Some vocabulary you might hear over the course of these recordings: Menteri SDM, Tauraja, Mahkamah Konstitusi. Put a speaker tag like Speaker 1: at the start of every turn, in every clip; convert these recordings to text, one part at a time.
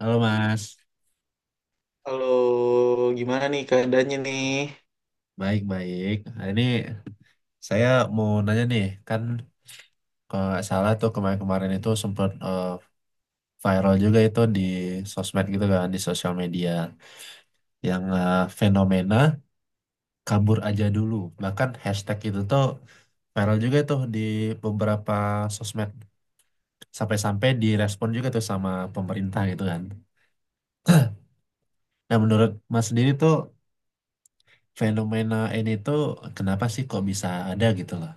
Speaker 1: Halo Mas,
Speaker 2: Halo, gimana nih keadaannya nih?
Speaker 1: baik-baik. Hari ini saya mau nanya nih, kan kalau nggak salah tuh kemarin-kemarin itu sempat viral juga itu di sosmed gitu kan, di sosial media. Yang fenomena kabur aja dulu. Bahkan hashtag itu tuh viral juga tuh di beberapa sosmed. Sampai-sampai direspon juga tuh sama pemerintah gitu kan. Nah menurut Mas sendiri tuh fenomena ini tuh kenapa sih kok bisa ada gitu loh?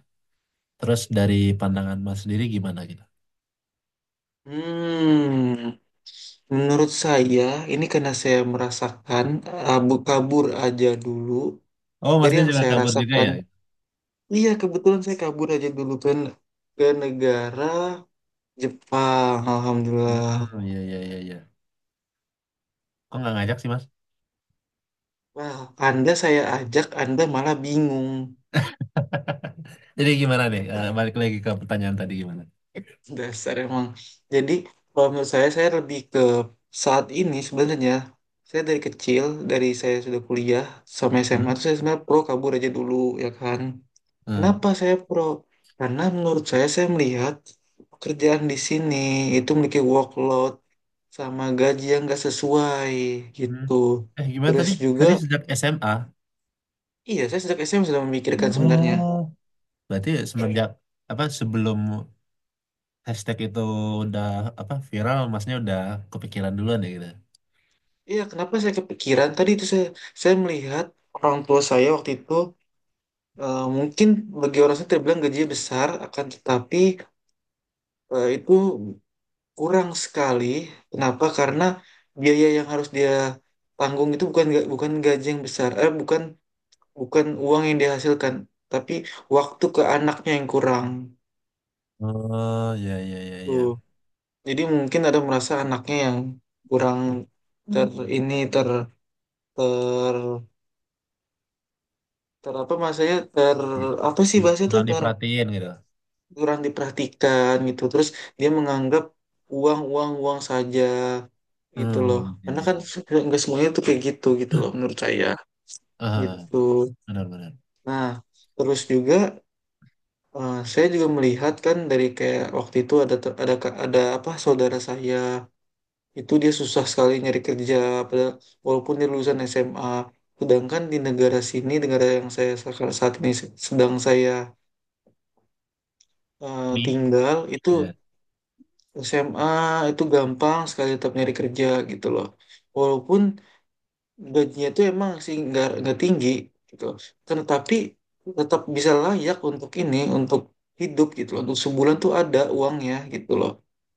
Speaker 1: Terus dari pandangan Mas sendiri gimana gitu?
Speaker 2: Hmm, Menurut saya, ini karena saya merasakan abu kabur aja dulu,
Speaker 1: Oh,
Speaker 2: dari
Speaker 1: masnya
Speaker 2: yang
Speaker 1: juga
Speaker 2: saya
Speaker 1: kabur juga
Speaker 2: rasakan.
Speaker 1: ya?
Speaker 2: Iya, kebetulan saya kabur aja dulu kan ke negara Jepang, alhamdulillah.
Speaker 1: Hmm, iya, iya, iya, iya. Kok nggak ngajak sih, Mas?
Speaker 2: Wah, Anda saya ajak, Anda malah bingung.
Speaker 1: Jadi gimana nih? Eh, balik lagi ke pertanyaan tadi gimana?
Speaker 2: Dasar emang. Jadi kalau menurut saya lebih ke saat ini sebenarnya. Saya dari kecil, dari saya sudah kuliah sampai SMA,
Speaker 1: Hmm?
Speaker 2: tuh saya sebenarnya pro kabur aja dulu, ya kan?
Speaker 1: Hmm.
Speaker 2: Kenapa saya pro? Karena menurut saya melihat pekerjaan di sini itu memiliki workload sama gaji yang nggak sesuai
Speaker 1: Hmm.
Speaker 2: gitu.
Speaker 1: Eh, gimana
Speaker 2: Terus
Speaker 1: tadi?
Speaker 2: juga,
Speaker 1: Tadi sejak SMA.
Speaker 2: iya saya sejak SMA sudah memikirkan sebenarnya.
Speaker 1: Oh, berarti semenjak apa sebelum hashtag itu udah apa viral, masnya udah kepikiran duluan ya gitu.
Speaker 2: Iya, kenapa saya kepikiran? Tadi itu saya melihat orang tua saya waktu itu. Mungkin bagi orang saya terbilang gajinya besar, akan tetapi itu kurang sekali. Kenapa? Karena biaya yang harus dia tanggung itu bukan gaji yang besar, eh bukan bukan uang yang dihasilkan, tapi waktu ke anaknya yang kurang.
Speaker 1: Oh, iya, iya, iya, iya.
Speaker 2: Tuh. Jadi mungkin ada merasa anaknya yang kurang ter ini ter ter ter apa maksudnya
Speaker 1: Di-
Speaker 2: apa sih
Speaker 1: di-
Speaker 2: bahasa itu,
Speaker 1: Kurang diperhatiin gitu.
Speaker 2: kurang diperhatikan gitu. Terus dia menganggap uang uang uang saja gitu loh,
Speaker 1: Hmm, iya,
Speaker 2: karena
Speaker 1: iya,
Speaker 2: kan
Speaker 1: iya.
Speaker 2: nggak semuanya tuh kayak gitu gitu loh, menurut saya
Speaker 1: Ah,
Speaker 2: gitu.
Speaker 1: benar-benar.
Speaker 2: Nah, terus juga saya juga melihat kan dari kayak waktu itu ada ter- ada ka- ada apa saudara saya, itu dia susah sekali nyari kerja padahal walaupun dia lulusan SMA, sedangkan di negara sini, negara yang saya saat ini sedang saya
Speaker 1: Di?
Speaker 2: tinggal itu, SMA itu gampang sekali tetap nyari kerja gitu loh. Walaupun gajinya itu emang sih nggak tinggi gitu. Kan tapi tetap bisa layak untuk ini untuk hidup gitu loh. Untuk sebulan tuh ada uangnya gitu loh.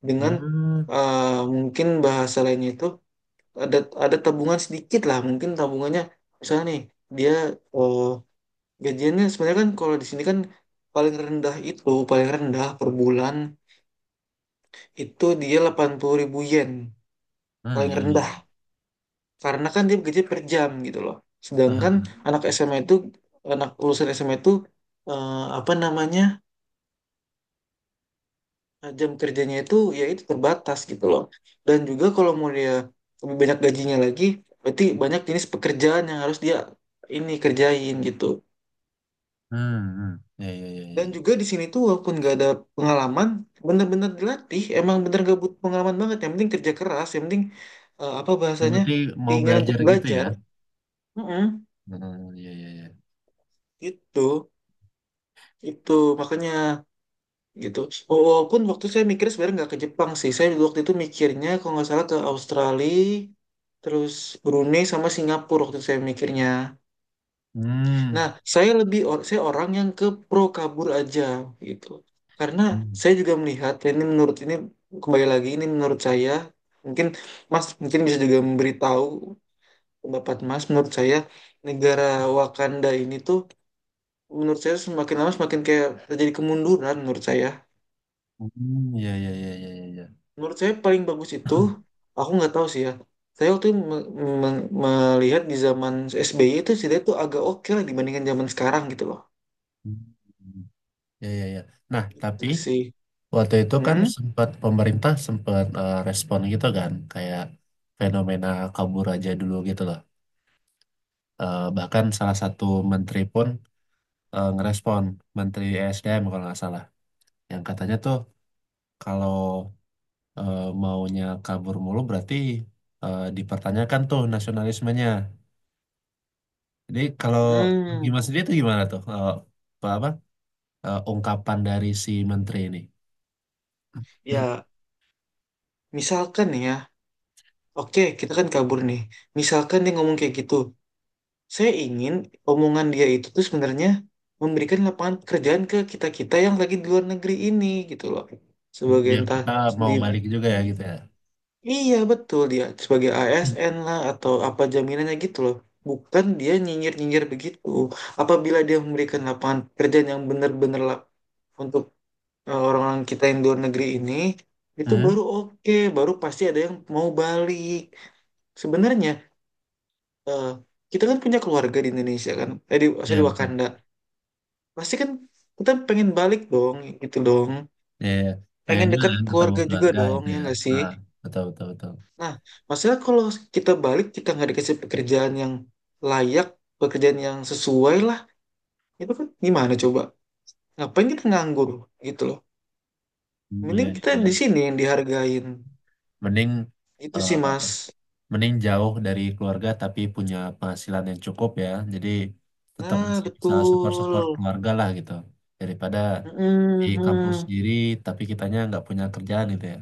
Speaker 2: Dengan
Speaker 1: Ya.
Speaker 2: eh, mungkin bahasa lainnya itu, ada ada tabungan sedikit lah. Mungkin tabungannya misalnya nih, dia eh, gajiannya sebenarnya kan kalau di sini kan paling rendah itu, paling rendah per bulan itu, dia 80.000 yen
Speaker 1: Hmm,
Speaker 2: paling
Speaker 1: iya, iya.
Speaker 2: rendah, karena kan dia gaji per jam gitu loh. Sedangkan
Speaker 1: Tahan.
Speaker 2: anak SMA itu, anak lulusan SMA itu eh, apa namanya, jam kerjanya itu ya itu terbatas gitu loh, dan juga kalau mau dia lebih banyak gajinya lagi, berarti banyak jenis pekerjaan yang harus dia ini kerjain gitu.
Speaker 1: Hmm, hmm. Iya, iya, iya, iya,
Speaker 2: Dan
Speaker 1: iya.
Speaker 2: juga di sini tuh walaupun gak ada pengalaman, bener-bener dilatih, emang bener gak butuh pengalaman banget, yang penting kerja keras, yang penting apa
Speaker 1: Yang
Speaker 2: bahasanya,
Speaker 1: penting mau
Speaker 2: keinginan untuk
Speaker 1: belajar gitu ya.
Speaker 2: belajar. Mm-mm,
Speaker 1: Hmm, iya, iya, iya.
Speaker 2: gitu. Itu makanya gitu. Walaupun waktu saya mikirnya sebenarnya nggak ke Jepang sih. Saya waktu itu mikirnya kalau nggak salah ke Australia, terus Brunei sama Singapura waktu itu saya mikirnya.
Speaker 1: Hmm.
Speaker 2: Nah, saya orang yang ke pro kabur aja gitu. Karena
Speaker 1: Hmm,
Speaker 2: saya juga melihat, dan ini menurut ini, kembali lagi ini menurut saya, mungkin Mas mungkin bisa juga memberitahu pendapat Mas. Menurut saya, negara Wakanda ini tuh, menurut saya, semakin lama semakin kayak terjadi kemunduran, menurut saya.
Speaker 1: hmm, iya, iya, iya, iya, iya, iya.
Speaker 2: Menurut saya paling bagus itu, aku nggak tahu sih ya. Saya waktu itu melihat di zaman SBY itu sih itu agak oke lah dibandingkan zaman sekarang gitu loh.
Speaker 1: Hmm. Iya, iya, iya. Nah,
Speaker 2: Itu
Speaker 1: tapi
Speaker 2: sih.
Speaker 1: waktu itu kan
Speaker 2: Hmm?
Speaker 1: sempat pemerintah sempat respon gitu kan, kayak fenomena kabur aja dulu gitu loh. Eh, bahkan salah satu menteri pun ngerespon, Menteri SDM kalau nggak salah, yang katanya tuh kalau maunya kabur mulu berarti dipertanyakan tuh nasionalismenya. Jadi kalau bagi
Speaker 2: Hmm.
Speaker 1: Mas dia tuh gimana tuh apa, apa, ungkapan dari si menteri ini?
Speaker 2: Ya, misalkan nih ya. Oke, kita kan kabur nih. Misalkan dia ngomong kayak gitu. Saya ingin omongan dia itu tuh sebenarnya memberikan lapangan pekerjaan ke kita-kita yang lagi di luar negeri ini gitu loh. Sebagai
Speaker 1: Biar
Speaker 2: entah
Speaker 1: kita
Speaker 2: di.
Speaker 1: mau balik juga ya gitu ya.
Speaker 2: Iya, betul, dia sebagai ASN lah atau apa jaminannya gitu loh. Bukan dia nyinyir-nyinyir begitu. Apabila dia memberikan lapangan pekerjaan yang benar-benar untuk orang-orang kita yang di luar negeri ini, itu
Speaker 1: Hmm?
Speaker 2: baru oke, baru pasti ada yang mau balik. Sebenarnya eh, kita kan punya keluarga di Indonesia kan, sorry,
Speaker 1: Ya
Speaker 2: di
Speaker 1: betul.
Speaker 2: Wakanda. Pasti kan kita pengen balik dong, gitu dong.
Speaker 1: Ya, ya.
Speaker 2: Pengen
Speaker 1: Pengennya
Speaker 2: dekat
Speaker 1: kan ketemu
Speaker 2: keluarga juga
Speaker 1: keluarga
Speaker 2: dong,
Speaker 1: itu
Speaker 2: ya
Speaker 1: ya.
Speaker 2: nggak sih?
Speaker 1: Nah, betul betul betul.
Speaker 2: Nah, masalah kalau kita balik, kita nggak dikasih pekerjaan yang layak, pekerjaan yang sesuai lah, itu kan gimana coba? Ngapain kita nganggur gitu loh.
Speaker 1: Hmm, iya
Speaker 2: Mending
Speaker 1: iya
Speaker 2: kita
Speaker 1: iya.
Speaker 2: di sini yang dihargain.
Speaker 1: Mending
Speaker 2: Itu
Speaker 1: eh,
Speaker 2: sih, Mas.
Speaker 1: mending jauh dari keluarga tapi punya penghasilan yang cukup ya. Jadi tetap
Speaker 2: Nah,
Speaker 1: masih bisa support-support
Speaker 2: betul.
Speaker 1: keluarga lah gitu. Daripada di kampus
Speaker 2: Mhm.
Speaker 1: sendiri tapi kitanya nggak punya kerjaan gitu ya.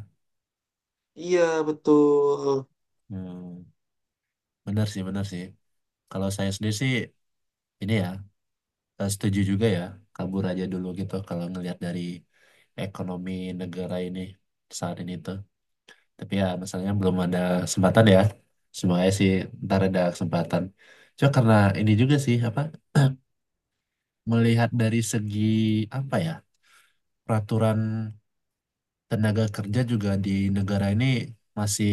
Speaker 2: Iya, betul.
Speaker 1: Hmm, bener sih, bener sih. Kalau saya sendiri sih ini ya setuju juga ya. Kabur aja dulu gitu kalau ngelihat dari ekonomi negara ini saat ini tuh. Tapi ya masalahnya belum ada kesempatan ya. Semuanya sih ntar ada kesempatan. Cuma karena ini juga sih apa melihat dari segi apa ya peraturan tenaga kerja juga di negara ini masih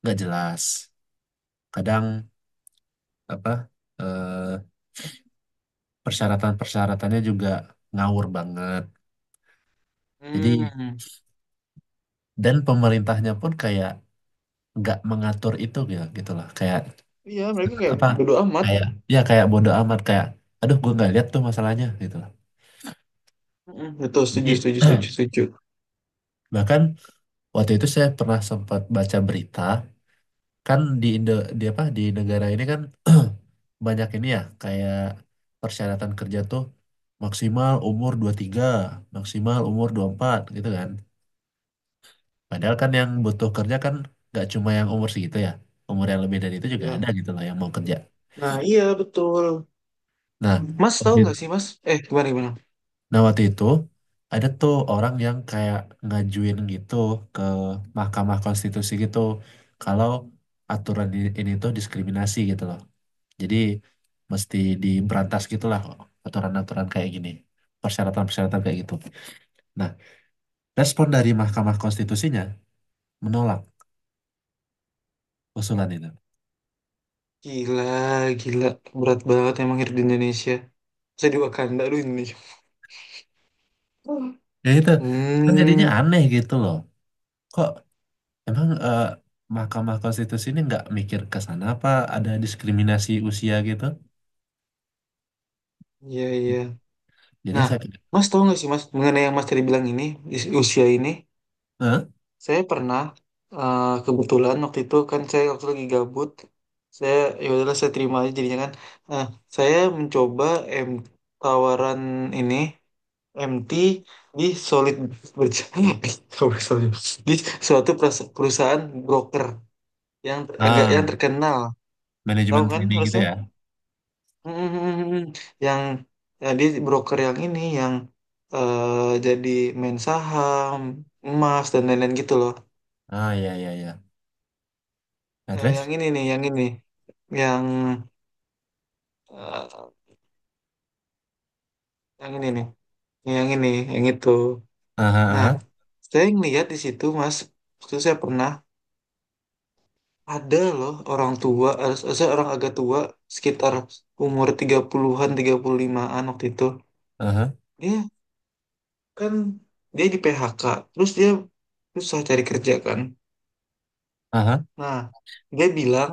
Speaker 1: nggak jelas. Kadang apa eh, persyaratan-persyaratannya juga ngawur banget. Jadi
Speaker 2: Hmm.
Speaker 1: dan pemerintahnya pun kayak nggak mengatur itu ya, gitu gitulah kayak
Speaker 2: Iya, mereka kayak
Speaker 1: apa
Speaker 2: bodo amat.
Speaker 1: kayak ya kayak bodo amat kayak aduh gue nggak lihat tuh masalahnya gitu lah.
Speaker 2: Mhm, betul, setuju,
Speaker 1: Jadi
Speaker 2: setuju, setuju, setuju.
Speaker 1: bahkan waktu itu saya pernah sempat baca berita kan di Indo di apa di negara ini kan banyak ini ya kayak persyaratan kerja tuh maksimal umur 23 maksimal umur 24 gitu kan. Padahal kan yang butuh kerja kan gak cuma yang umur segitu ya. Umur yang lebih dari itu juga ada
Speaker 2: Iya.
Speaker 1: gitu loh yang mau kerja.
Speaker 2: Nah, iya, betul.
Speaker 1: Nah,
Speaker 2: Mas, tahu
Speaker 1: waktu itu,
Speaker 2: nggak sih, Mas? Gimana, gimana?
Speaker 1: nah waktu itu ada tuh orang yang kayak ngajuin gitu ke Mahkamah Konstitusi gitu kalau aturan ini tuh diskriminasi gitu loh. Jadi mesti diberantas gitulah aturan-aturan kayak gini, persyaratan-persyaratan kayak gitu. Nah, respon dari Mahkamah Konstitusinya menolak usulan itu.
Speaker 2: Gila, gila. Berat banget emang hidup di Indonesia. Saya di Wakanda, aduh Indonesia.
Speaker 1: Ya itu kan jadinya
Speaker 2: Hmm,
Speaker 1: aneh gitu loh. Kok emang Mahkamah Konstitusi ini nggak mikir ke sana apa ada diskriminasi usia gitu?
Speaker 2: iya, iya.
Speaker 1: Jadi
Speaker 2: Nah,
Speaker 1: saya pikir,
Speaker 2: Mas tahu nggak sih, Mas, mengenai yang Mas tadi bilang ini, di usia ini,
Speaker 1: "Hah?
Speaker 2: saya pernah kebetulan waktu itu kan saya waktu lagi gabut, saya ya udahlah saya terima aja jadinya kan. Nah, saya mencoba M tawaran ini MT di solid berjalan di suatu perusahaan broker, agak yang
Speaker 1: Ah,
Speaker 2: terkenal tahu
Speaker 1: manajemen
Speaker 2: kan
Speaker 1: training gitu
Speaker 2: harusnya.
Speaker 1: ya?
Speaker 2: Mm, yang ya, dia broker yang ini yang jadi main saham emas dan lain-lain gitu loh.
Speaker 1: Ah, ya ya ya. Nah,
Speaker 2: Yang
Speaker 1: terus?
Speaker 2: ini nih, yang ini yang eh, yang ini nih, yang ini yang itu.
Speaker 1: Aha,
Speaker 2: Nah,
Speaker 1: aha,
Speaker 2: saya ngeliat di situ Mas, waktu itu saya pernah, ada loh orang tua, saya orang agak tua, sekitar umur 30-an 35-an waktu itu,
Speaker 1: aha,
Speaker 2: dia kan dia di PHK, terus dia susah cari kerja kan.
Speaker 1: aha.
Speaker 2: Nah, dia bilang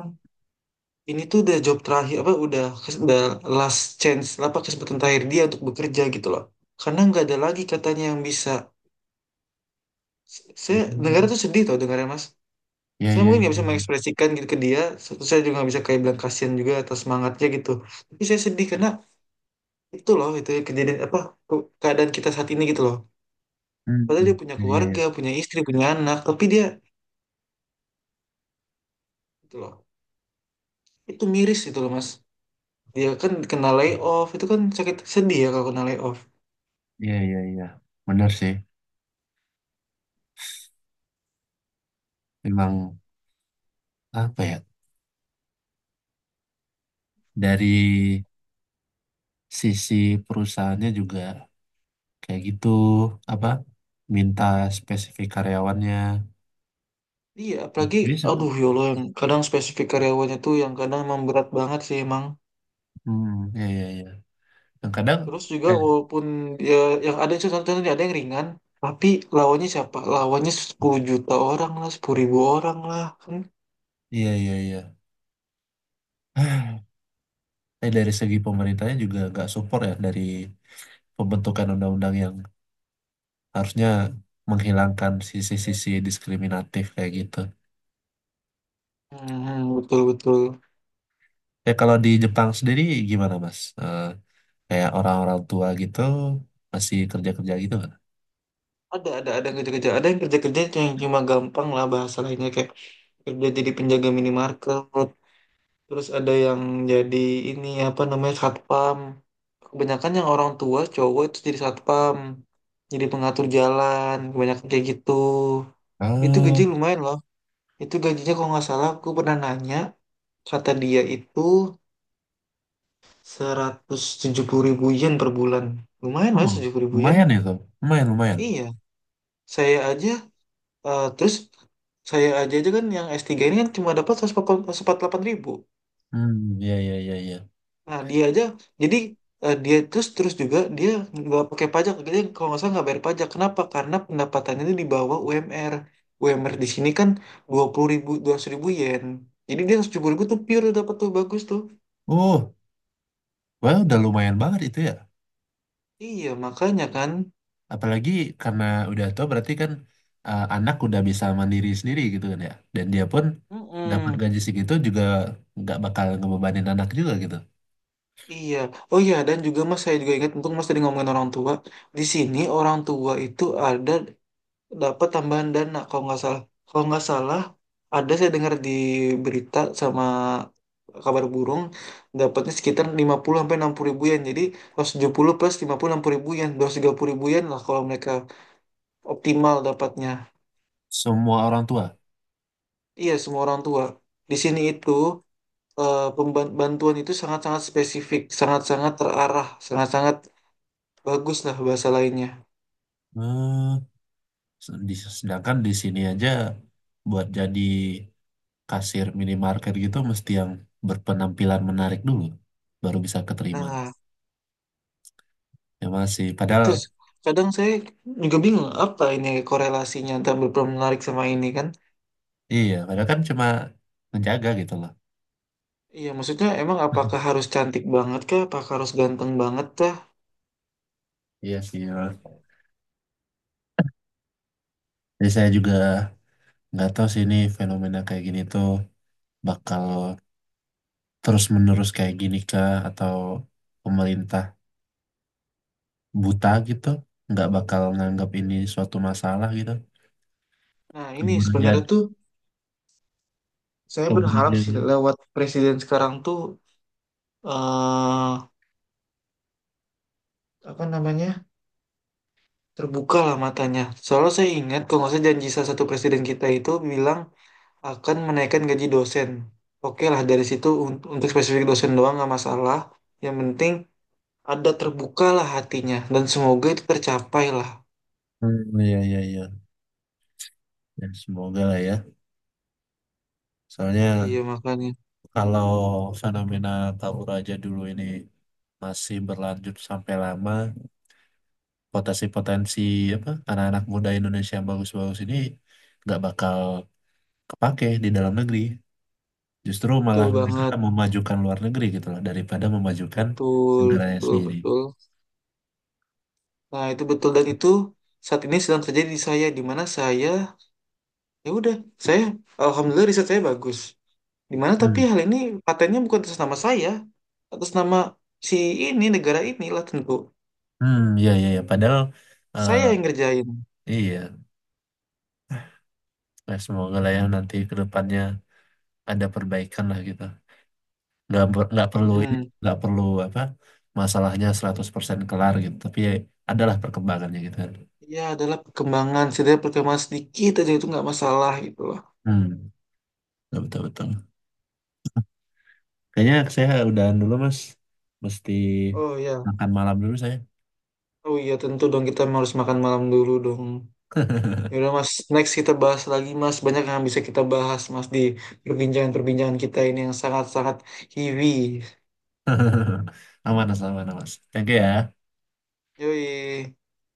Speaker 2: ini tuh udah job terakhir, apa udah last chance, apa kesempatan terakhir dia untuk bekerja gitu loh, karena nggak ada lagi katanya yang bisa. Saya negara
Speaker 1: Hmm.
Speaker 2: tuh sedih tau dengarnya, Mas.
Speaker 1: Ya
Speaker 2: Saya
Speaker 1: ya
Speaker 2: mungkin
Speaker 1: ya,
Speaker 2: nggak bisa
Speaker 1: iya.
Speaker 2: mengekspresikan gitu ke dia. Terus saya juga nggak bisa kayak bilang kasihan juga atas semangatnya gitu, tapi saya sedih karena itu loh, itu ya, kejadian apa, keadaan kita saat ini gitu loh.
Speaker 1: Hmm.
Speaker 2: Padahal dia punya
Speaker 1: Ya ya
Speaker 2: keluarga,
Speaker 1: ya.
Speaker 2: punya istri, punya anak, tapi dia gitu loh. Itu miris itu loh, Mas. Dia kan kena layoff, itu kan sakit sedih ya kalau kena layoff.
Speaker 1: Iya, iya, iya. Benar sih. Memang apa ya? Dari sisi perusahaannya juga kayak gitu, apa? Minta spesifik karyawannya.
Speaker 2: Iya, apalagi,
Speaker 1: Jadi, se-
Speaker 2: aduh ya Allah, yang kadang spesifik karyawannya tuh yang kadang emang berat banget sih emang.
Speaker 1: hmm, iya, iya, iya. Dan kadang,
Speaker 2: Terus juga
Speaker 1: eh,
Speaker 2: walaupun ya yang ada itu satu ada yang ringan, tapi lawannya siapa? Lawannya 10 juta orang lah, 10.000 orang lah kan.
Speaker 1: iya, iya, iya. Ah, eh, dari segi pemerintahnya juga nggak support ya dari pembentukan undang-undang yang harusnya menghilangkan sisi-sisi diskriminatif kayak gitu.
Speaker 2: Hmm, betul betul.
Speaker 1: Eh, kalau di Jepang sendiri gimana, Mas? Eh, kayak orang-orang tua gitu masih kerja-kerja gitu nggak?
Speaker 2: Ada yang kerja-kerja yang cuma gampang lah bahasa lainnya, kayak kerja jadi penjaga minimarket, terus ada yang jadi ini apa namanya satpam. Kebanyakan yang orang tua cowok itu jadi satpam, jadi pengatur jalan, kebanyakan kayak gitu. Itu gaji
Speaker 1: Ah,
Speaker 2: lumayan loh. Itu gajinya kalau nggak salah aku pernah nanya, kata dia itu 170.000 yen per bulan. Lumayan lah
Speaker 1: oh,
Speaker 2: 70.000 yen.
Speaker 1: lumayan itu. Lumayan, lumayan.
Speaker 2: Iya, saya aja, terus saya aja aja kan, yang S3 ini kan cuma dapat 148.000.
Speaker 1: Hmm, ya ya ya ya.
Speaker 2: Nah, dia aja jadi dia terus terus juga, dia nggak pakai pajak. Dia kalau nggak salah nggak bayar pajak. Kenapa? Karena pendapatannya itu di bawah UMR. UMR di sini kan 20.000, 2.000 yen. Jadi dia 100.000 tuh pure dapat tuh bagus tuh.
Speaker 1: Uh, well, udah lumayan banget itu ya.
Speaker 2: Iya makanya kan.
Speaker 1: Apalagi karena udah tua berarti kan anak udah bisa mandiri sendiri gitu kan ya. Dan dia pun dapat
Speaker 2: Mm-mm.
Speaker 1: gaji segitu juga nggak bakal ngebebanin anak juga gitu.
Speaker 2: Iya. Oh iya, dan juga Mas, saya juga ingat untung Mas tadi ngomongin orang tua. Di sini orang tua itu ada dapat tambahan dana kalau nggak salah. Kalau nggak salah, ada saya dengar di berita sama kabar burung, dapatnya sekitar 50.000 sampai 60.000 yen. Jadi 170 plus 50-60 ribu yen, 230.000 yen lah kalau mereka optimal dapatnya.
Speaker 1: Semua orang tua.
Speaker 2: Iya, semua orang tua. Di sini itu bantuan itu sangat-sangat spesifik, sangat-sangat terarah, sangat-sangat bagus lah bahasa lainnya.
Speaker 1: Hmm, se- di- sedangkan di sini aja buat jadi kasir minimarket gitu mesti yang berpenampilan menarik dulu baru bisa keterima
Speaker 2: Nah,
Speaker 1: ya masih padahal
Speaker 2: itu s- kadang saya juga bingung apa ini korelasinya antara berperan menarik sama ini kan.
Speaker 1: iya padahal kan cuma menjaga gitu loh.
Speaker 2: Iya, maksudnya emang apakah harus cantik banget kah? Apakah harus ganteng banget kah?
Speaker 1: Iya sih, ya. Jadi saya juga nggak tahu sih ini fenomena kayak gini tuh bakal terus menerus kayak gini kah atau pemerintah buta gitu nggak bakal nganggap ini suatu masalah gitu
Speaker 2: Nah, ini
Speaker 1: kebudayaan
Speaker 2: sebenarnya tuh saya berharap sih
Speaker 1: kebudayaan.
Speaker 2: lewat presiden sekarang tuh, eh apa namanya, terbuka lah matanya. Soalnya saya ingat kalau nggak salah janji salah satu presiden kita itu bilang akan menaikkan gaji dosen. Oke lah dari situ untuk spesifik dosen doang nggak masalah. Yang penting ada terbuka lah hatinya dan semoga itu tercapai lah.
Speaker 1: Hmm, iya iya iya. Ya, semoga lah ya. Soalnya
Speaker 2: Iya makanya
Speaker 1: kalau fenomena Tauraja dulu ini masih berlanjut sampai lama, potensi-potensi apa anak-anak muda Indonesia yang bagus-bagus ini nggak bakal kepake di dalam negeri. Justru
Speaker 2: betul
Speaker 1: malah
Speaker 2: banget,
Speaker 1: mereka memajukan luar negeri gitu loh daripada memajukan
Speaker 2: betul,
Speaker 1: negaranya
Speaker 2: betul,
Speaker 1: sendiri.
Speaker 2: betul. Nah, itu betul, dan itu saat ini sedang terjadi di saya, di mana saya ya udah, saya alhamdulillah, riset saya bagus. Di mana tapi
Speaker 1: Hmm,
Speaker 2: hal ini patennya bukan atas nama saya, atas nama si ini negara inilah tentu.
Speaker 1: hmm, iya iya iya. Padahal eh,
Speaker 2: Saya yang ngerjain.
Speaker 1: iya, nah, semoga lah ya nanti ke depannya ada perbaikan lah gitu. Nggak ber- nggak perlu ini
Speaker 2: Mm-mm.
Speaker 1: nggak perlu apa masalahnya 100% kelar gitu tapi ya adalah perkembangannya gitu kan
Speaker 2: Ya, adalah perkembangan, setidaknya perkembangan sedikit aja itu nggak masalah gitu loh.
Speaker 1: hmm betul betul betul. Kayaknya saya udahan dulu mas mesti
Speaker 2: Oh ya,
Speaker 1: makan malam dulu saya.
Speaker 2: oh iya tentu dong kita harus makan malam dulu dong. Ya udah Mas, next kita bahas lagi Mas. Banyak yang bisa kita bahas Mas di perbincangan-perbincangan kita ini yang sangat-sangat heavy.
Speaker 1: Aman mas aman mas thank you ya.
Speaker 2: Yoi.